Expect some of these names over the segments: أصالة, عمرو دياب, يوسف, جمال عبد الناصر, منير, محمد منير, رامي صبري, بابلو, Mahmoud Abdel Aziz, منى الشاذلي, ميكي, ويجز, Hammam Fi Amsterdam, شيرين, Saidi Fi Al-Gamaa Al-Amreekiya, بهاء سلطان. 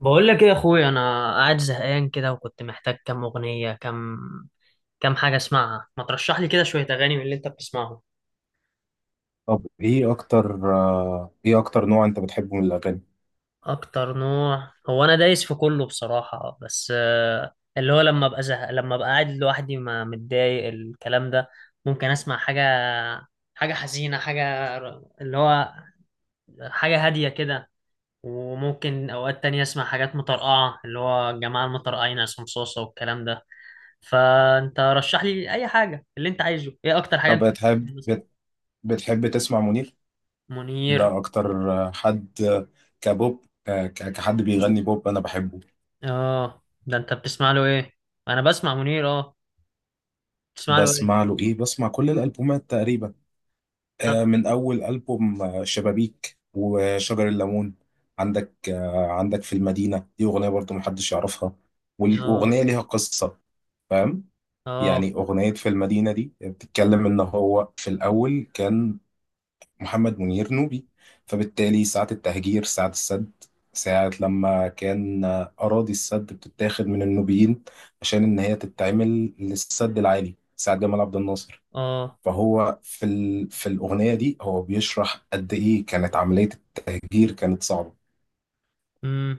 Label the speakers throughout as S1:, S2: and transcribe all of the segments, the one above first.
S1: بقول لك ايه يا اخويا، انا قاعد زهقان كده وكنت محتاج كام اغنيه، كام حاجه اسمعها. ما ترشح لي كده شويه اغاني من اللي انت بتسمعهم.
S2: طب، ايه اكتر نوع انت بتحبه من الاغاني؟
S1: اكتر نوع هو انا دايس في كله بصراحه، بس اللي هو لما ابقى زهق لما ابقى قاعد لوحدي ما متضايق الكلام ده، ممكن اسمع حاجه، حاجه حزينه، اللي هو حاجه هاديه كده. وممكن اوقات تانية اسمع حاجات مطرقعه، اللي هو الجماعه المطرقعين عصام صوصه والكلام ده. فانت رشح لي اي حاجه اللي انت عايزه. ايه اكتر حاجه انت
S2: طب
S1: بتحبها مثلا؟
S2: بتحب تسمع منير؟
S1: منير.
S2: ده اكتر حد، كبوب. كحد بيغني بوب انا بحبه.
S1: اه، ده انت بتسمع له ايه؟ انا بسمع منير، اه. بتسمع له ايه؟
S2: بسمع له ايه؟ بسمع كل الالبومات تقريبا،
S1: طب.
S2: من اول البوم شبابيك وشجر الليمون. عندك في المدينة دي اغنية برضو محدش يعرفها،
S1: اه.
S2: والاغنية ليها قصة، فاهم؟ يعني
S1: اه.
S2: أغنية في المدينة دي بتتكلم إن هو في الأول كان محمد منير نوبي، فبالتالي ساعة التهجير، ساعة السد، ساعة لما كان أراضي السد بتتاخد من النوبيين عشان إن هي تتعمل للسد العالي، ساعة جمال عبد الناصر.
S1: اه.
S2: فهو في الأغنية دي هو بيشرح قد إيه كانت عملية التهجير، كانت صعبة.
S1: امم.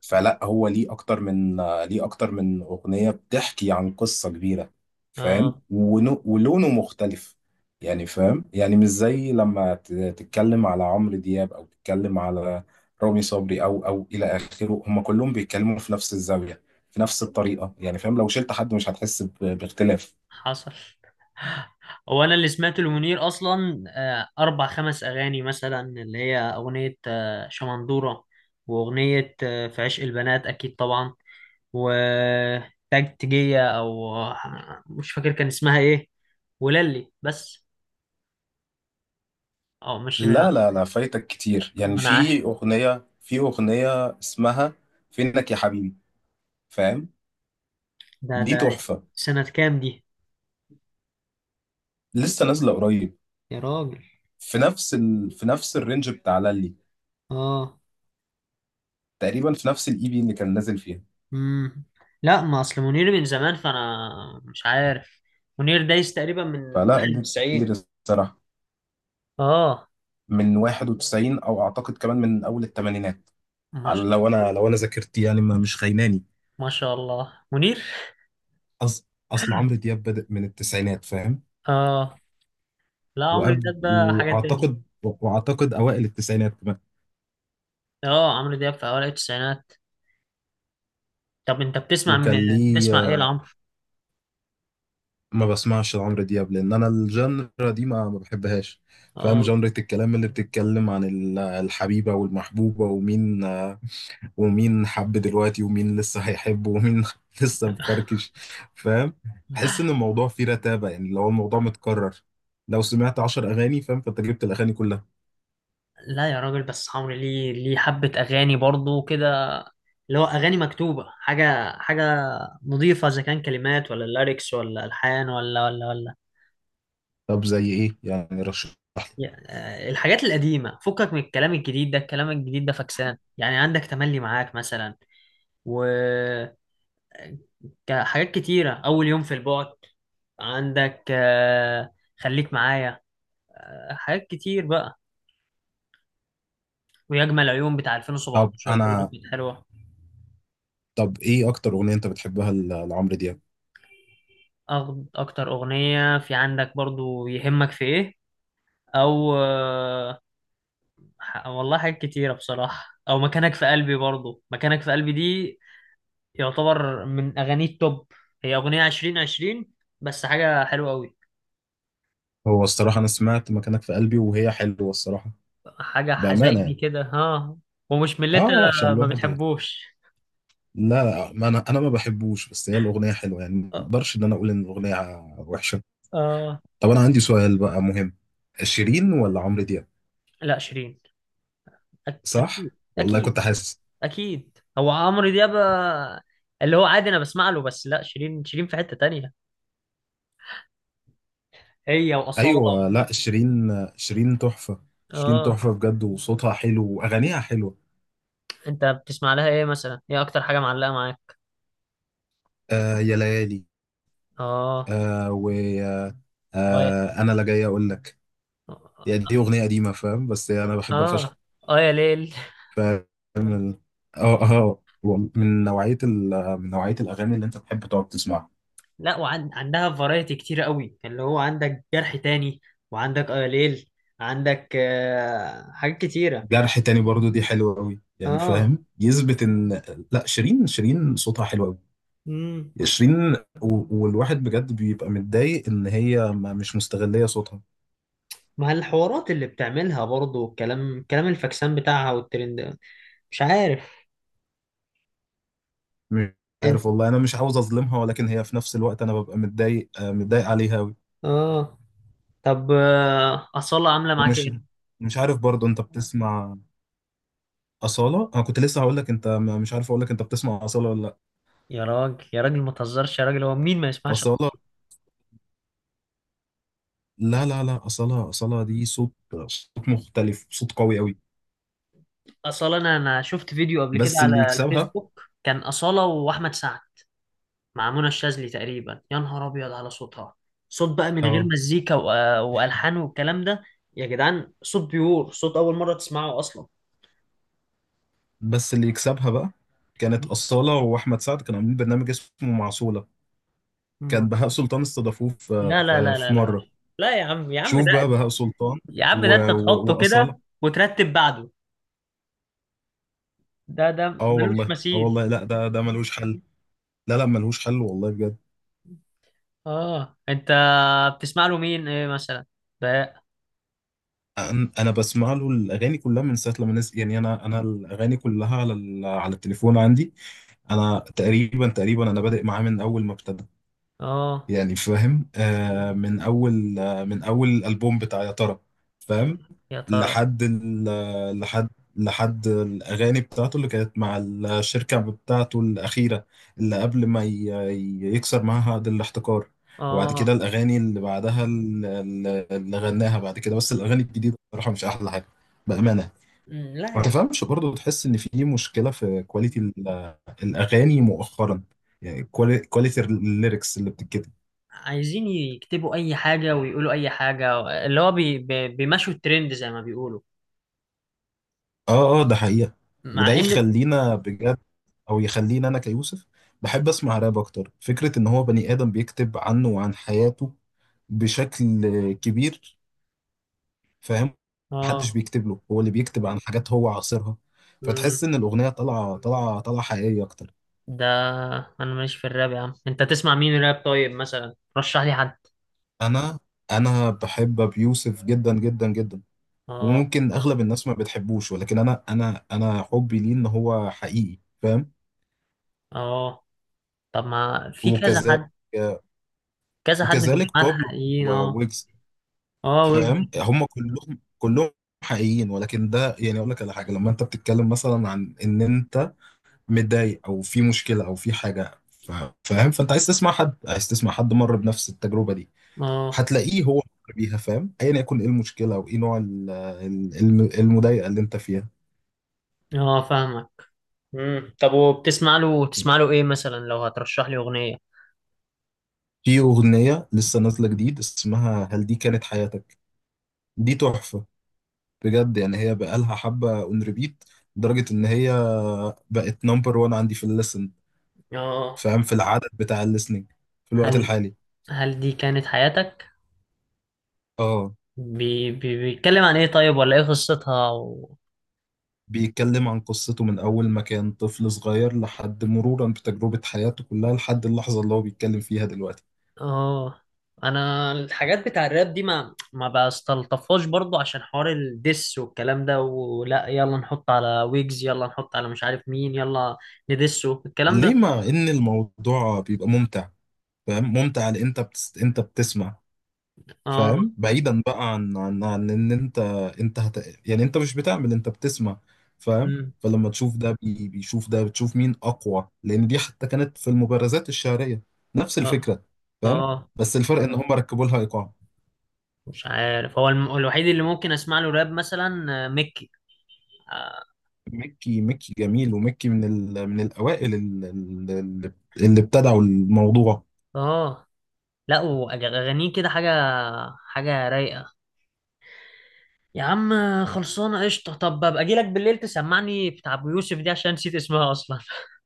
S2: فلا، هو ليه اكتر من اغنيه بتحكي عن قصه كبيره،
S1: اه.
S2: فاهم؟ ولونه مختلف، يعني فاهم؟ يعني مش زي لما تتكلم على عمرو دياب او تتكلم على رامي صبري او او الى اخره، هم كلهم بيتكلموا في نفس الزاويه، في نفس الطريقه، يعني فاهم، لو شلت حد مش هتحس باختلاف.
S1: حصل. هو انا اللي سمعت لمنير اصلا اربع خمس اغاني مثلا، اللي هي اغنيه شمندوره، واغنيه في عشق البنات اكيد طبعا، وتكتيكية أو مش فاكر كان اسمها إيه، وللي بس. مش
S2: لا لا لا، فايتك كتير. يعني في
S1: منعه.
S2: اغنيه في اغنيه اسمها فينك يا حبيبي، فاهم؟
S1: ده
S2: دي
S1: ده
S2: تحفه،
S1: سنة كام دي؟
S2: لسه نازله قريب.
S1: يا راجل.
S2: في نفس الرينج بتاع لالي،
S1: أه.
S2: تقريبا في نفس الاي بي اللي كان نازل فيها.
S1: مم. لا، ما أصل منير من زمان، فأنا مش عارف. منير دايس تقريبا من
S2: فلا، ده كتير
S1: 91.
S2: الصراحه.
S1: أه.
S2: من 91 او اعتقد كمان من اول الثمانينات،
S1: ما
S2: على
S1: شاء الله.
S2: لو انا ذاكرتي يعني ما مش خيناني.
S1: ما شاء الله، منير.
S2: أص... اصل عمرو دياب بدأ من التسعينات، فاهم؟
S1: أه. لا، عمرو
S2: وأب...
S1: دياب ده حاجة تاني.
S2: واعتقد واعتقد اوائل التسعينات كمان.
S1: أه، عمرو دياب في أوائل التسعينات. طب أنت
S2: وكان
S1: بتسمع إيه
S2: ليه
S1: لعمرو؟
S2: ما بسمعش عمرو دياب، لان انا الجنرا دي ما بحبهاش، فاهم؟
S1: أه.
S2: جنرة الكلام اللي بتتكلم عن الحبيبة والمحبوبة، ومين حب دلوقتي، ومين لسه هيحب، ومين لسه مفركش، فاهم؟ بحس ان الموضوع فيه رتابة، يعني لو الموضوع متكرر، لو سمعت عشر اغاني، فاهم، فانت جبت الاغاني كلها.
S1: لا يا راجل، بس عمرو ليه حبة أغاني برضو كده، اللي هو أغاني مكتوبة، حاجة نظيفة، إذا كان كلمات ولا ليركس ولا ألحان ولا.
S2: طب زي ايه يعني؟ رشح لي.
S1: الحاجات القديمة فكك من الكلام الجديد ده، الكلام الجديد ده فكسان. يعني عندك تملي معاك مثلا، وحاجات كتيرة، أول يوم في البعد. عندك خليك معايا، حاجات كتير بقى. ويجمل عيون بتاع
S2: طب
S1: 2017 برضه
S2: انا
S1: كانت حلوة.
S2: طب ايه اكتر اغنية انت بتحبها لعمرو دياب؟
S1: أكتر أغنية في عندك برضه يهمك في إيه، او والله حاجات كتيرة بصراحة، او مكانك في قلبي. برضو مكانك في قلبي دي يعتبر من اغاني التوب. هي اغنية 2020، بس حاجة حلوة قوي.
S2: هو الصراحة انا سمعت مكانك في قلبي، وهي حلوة الصراحة،
S1: حاجة
S2: بأمانة
S1: حزيني
S2: يعني.
S1: كده، ها؟ ومش من اللي انت
S2: اه، عشان
S1: ما
S2: الواحد يعني.
S1: بتحبوش.
S2: لا لا، ما انا ما بحبوش، بس هي الاغنية حلوة، يعني ما
S1: آه.
S2: اقدرش ان انا اقول ان الاغنية وحشة.
S1: آه،
S2: طب انا عندي سؤال بقى مهم، شيرين ولا عمرو دياب؟
S1: لا، شيرين. اكيد.
S2: صح والله، كنت
S1: اكيد.
S2: حاسس.
S1: اكيد هو عمرو دياب اللي هو عادي انا بسمع له. بس لا، شيرين شيرين في حتة تانية، هي واصالة.
S2: ايوه، لا شيرين. شيرين تحفه، شيرين
S1: اه،
S2: تحفه بجد، وصوتها حلو واغانيها حلوه.
S1: انت بتسمع لها ايه مثلا؟ ايه اكتر حاجة معلقة معاك؟
S2: آه يا ليالي،
S1: اه.
S2: آه و آه
S1: اه.
S2: آه، انا لا جاي اقول لك، يعني دي اغنيه قديمه، فاهم، بس انا بحبها فشخ،
S1: اه. اه يا ليل.
S2: فاهم؟ ال- من نوعيه من نوعيه الاغاني اللي انت تحب تقعد تسمعها.
S1: لا، وعندها فرايتي كتير قوي، اللي هو عندك جرح تاني، وعندك اه يا ليل، عندك آه حاجات كتيرة.
S2: جرح تاني برضو دي حلوه قوي يعني،
S1: اه.
S2: فاهم، يثبت ان لا، شيرين، شيرين صوتها حلو قوي.
S1: امم.
S2: شيرين والواحد بجد بيبقى متضايق ان هي مش مستغلية صوتها.
S1: مع الحوارات اللي بتعملها برضو، الكلام كلام الفاكسان بتاعها والترند. مش عارف
S2: مش
S1: انت.
S2: عارف والله، انا مش عاوز اظلمها، ولكن هي في نفس الوقت انا ببقى متضايق، متضايق عليها أوي.
S1: اه. طب، أصالة عاملة معاك
S2: ومش
S1: ايه؟
S2: مش عارف برضه، انت بتسمع أصالة؟ انا كنت لسه هقول لك، انت مش عارف اقول لك انت بتسمع أصالة ولا لا.
S1: يا راجل يا راجل، ما تهزرش يا راجل. هو مين ما يسمعش
S2: أصالة!
S1: أصالة؟
S2: لا لا لا، أصالة، أصالة دي صوت، صوت مختلف، صوت قوي قوي.
S1: أصالة، انا شفت فيديو قبل كده
S2: بس اللي
S1: على
S2: يكسبها
S1: الفيسبوك، كان أصالة واحمد سعد مع منى الشاذلي تقريبا. يا نهار ابيض على صوتها. صوت بقى من غير
S2: اه
S1: مزيكا و- والحان والكلام ده، يا جدعان. صوت بيور، صوت اول مره تسمعه اصلا.
S2: بس اللي يكسبها بقى، كانت أصالة وأحمد سعد كانوا عاملين برنامج اسمه معسولة،
S1: ما-
S2: كان بهاء سلطان استضافوه في
S1: لا لا
S2: في
S1: لا لا
S2: في
S1: لا.
S2: مره.
S1: لا يا عم، يا عم
S2: شوف بقى،
S1: ده،
S2: بهاء سلطان
S1: يا عم ده انت تحطه
S2: واصاله.
S1: كده وترتب بعده. ده
S2: اه
S1: ملوش
S2: والله، اه
S1: مثيل.
S2: والله، لا، ده ملوش حل. لا لا، ملوش حل والله بجد.
S1: اه، انت بتسمع له مين ايه مثلا بقى؟
S2: أنا بسمع له الاغاني كلها من ساعه لما نزل، يعني انا، الاغاني كلها على على التليفون عندي. انا تقريبا انا بادئ معاه من اول ما ابتدى،
S1: اه،
S2: يعني فاهم، من اول الالبوم بتاع يا ترى، فاهم؟
S1: يا ترى.
S2: لحد ال- لحد لحد الاغاني بتاعته اللي كانت مع الشركه بتاعته الاخيره، اللي قبل ما يكسر معاها عقد الاحتكار. وبعد كده،
S1: اه.
S2: الاغاني اللي بعدها، اللي غناها بعد كده، بس الاغاني الجديده بصراحه مش احلى حاجه بامانه.
S1: لا،
S2: ما
S1: يا،
S2: تفهمش برضه، تحس ان في مشكله في كواليتي الاغاني مؤخرا، يعني كواليتي الليركس اللي بتتكتب.
S1: عايزين يكتبوا اي حاجه ويقولوا اي حاجه، اللي هو بي بي بيمشوا الترند زي ما بيقولوا.
S2: اه اه، ده حقيقة. وده
S1: مع ان.
S2: يخلينا بجد، او يخليني انا كيوسف، بحب اسمع راب اكتر، فكرة ان هو بني ادم بيكتب عنه وعن حياته بشكل كبير، فاهم؟ محدش
S1: اه.
S2: بيكتب له، هو اللي بيكتب عن حاجات هو عاصرها، فتحس
S1: مم.
S2: ان الاغنية طالعة، طالعة طالعة حقيقية اكتر.
S1: ده انا ماليش في الراب يا عم. انت تسمع مين راب طيب مثلا؟ رشح لي حد.
S2: انا انا بحب ابي يوسف جدا جدا جدا.
S1: اه.
S2: وممكن اغلب الناس ما بتحبوش، ولكن انا انا حبي ليه ان هو حقيقي، فاهم؟
S1: اه. طب، ما في كذا
S2: وكذلك،
S1: حد، كذا حد من الجماعه
S2: بابلو
S1: الحقيقيين. اه.
S2: وويجز،
S1: اه، ويجز.
S2: فاهم؟ هم كلهم، حقيقيين. ولكن ده يعني اقول لك على حاجه، لما انت بتتكلم مثلا عن ان انت متضايق او في مشكله او في حاجه، فاهم، فانت عايز تسمع حد، مر بنفس التجربه دي،
S1: اه.
S2: هتلاقيه هو مر بيها، فاهم، ايا يكن ايه المشكله، وايه نوع المضايقه اللي انت فيها.
S1: اه، فاهمك. مم. طب، وبتسمع له تسمع له ايه مثلا، لو هترشح لي اغنيه؟
S2: في اغنيه لسه نازله جديد اسمها هل دي كانت حياتك، دي تحفه بجد. يعني هي بقالها حبه اون ريبيت، لدرجه ان هي بقت نمبر وان عندي في الليسن،
S1: اه.
S2: فاهم، في العدد بتاع الليسننج في الوقت
S1: هل
S2: الحالي.
S1: هل دي كانت حياتك،
S2: اه.
S1: بي بي بيتكلم عن ايه طيب؟ ولا ايه قصتها و.
S2: بيتكلم عن قصته من اول ما كان طفل صغير، لحد مرورا بتجربة حياته كلها، لحد اللحظة اللي هو بيتكلم فيها دلوقتي.
S1: اه، انا الحاجات بتاع الراب دي ما بستلطفهاش برضو، عشان حوار الدس والكلام ده، ولا يلا نحط على ويجز، يلا نحط على مش عارف مين، يلا ندسه الكلام
S2: ليه
S1: ده.
S2: مع ان الموضوع بيبقى ممتع، فاهم؟ ممتع لان انت انت بتسمع،
S1: اه.
S2: فاهم؟ بعيدا بقى عن ان يعني انت مش بتعمل، انت بتسمع، فاهم.
S1: أمم.
S2: فلما تشوف ده، بيشوف ده، بتشوف مين اقوى، لان دي حتى كانت في المبارزات الشعريه نفس
S1: اه.
S2: الفكره، فاهم.
S1: اه،
S2: بس الفرق ان هم ركبوا لها ايقاع.
S1: مش عارف، هو الوحيد اللي ممكن اسمع له راب مثلا ميكي. اه.
S2: ميكي جميل، وميكي من الاوائل اللي ابتدعوا الموضوع.
S1: آه. لا، واغانيه كده حاجه رايقه يا عم. خلصانة قشطة. طب ابقى اجيلك بالليل تسمعني بتاع ابو يوسف دي، عشان نسيت اسمها اصلا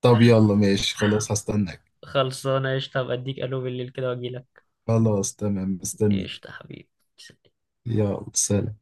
S2: طب يلا ماشي، خلاص، هستناك.
S1: خلصانة قشطة، ابقى اديك الو بالليل كده واجيلك.
S2: خلاص تمام، مستني.
S1: قشطة يا حبيبي.
S2: يلا سلام.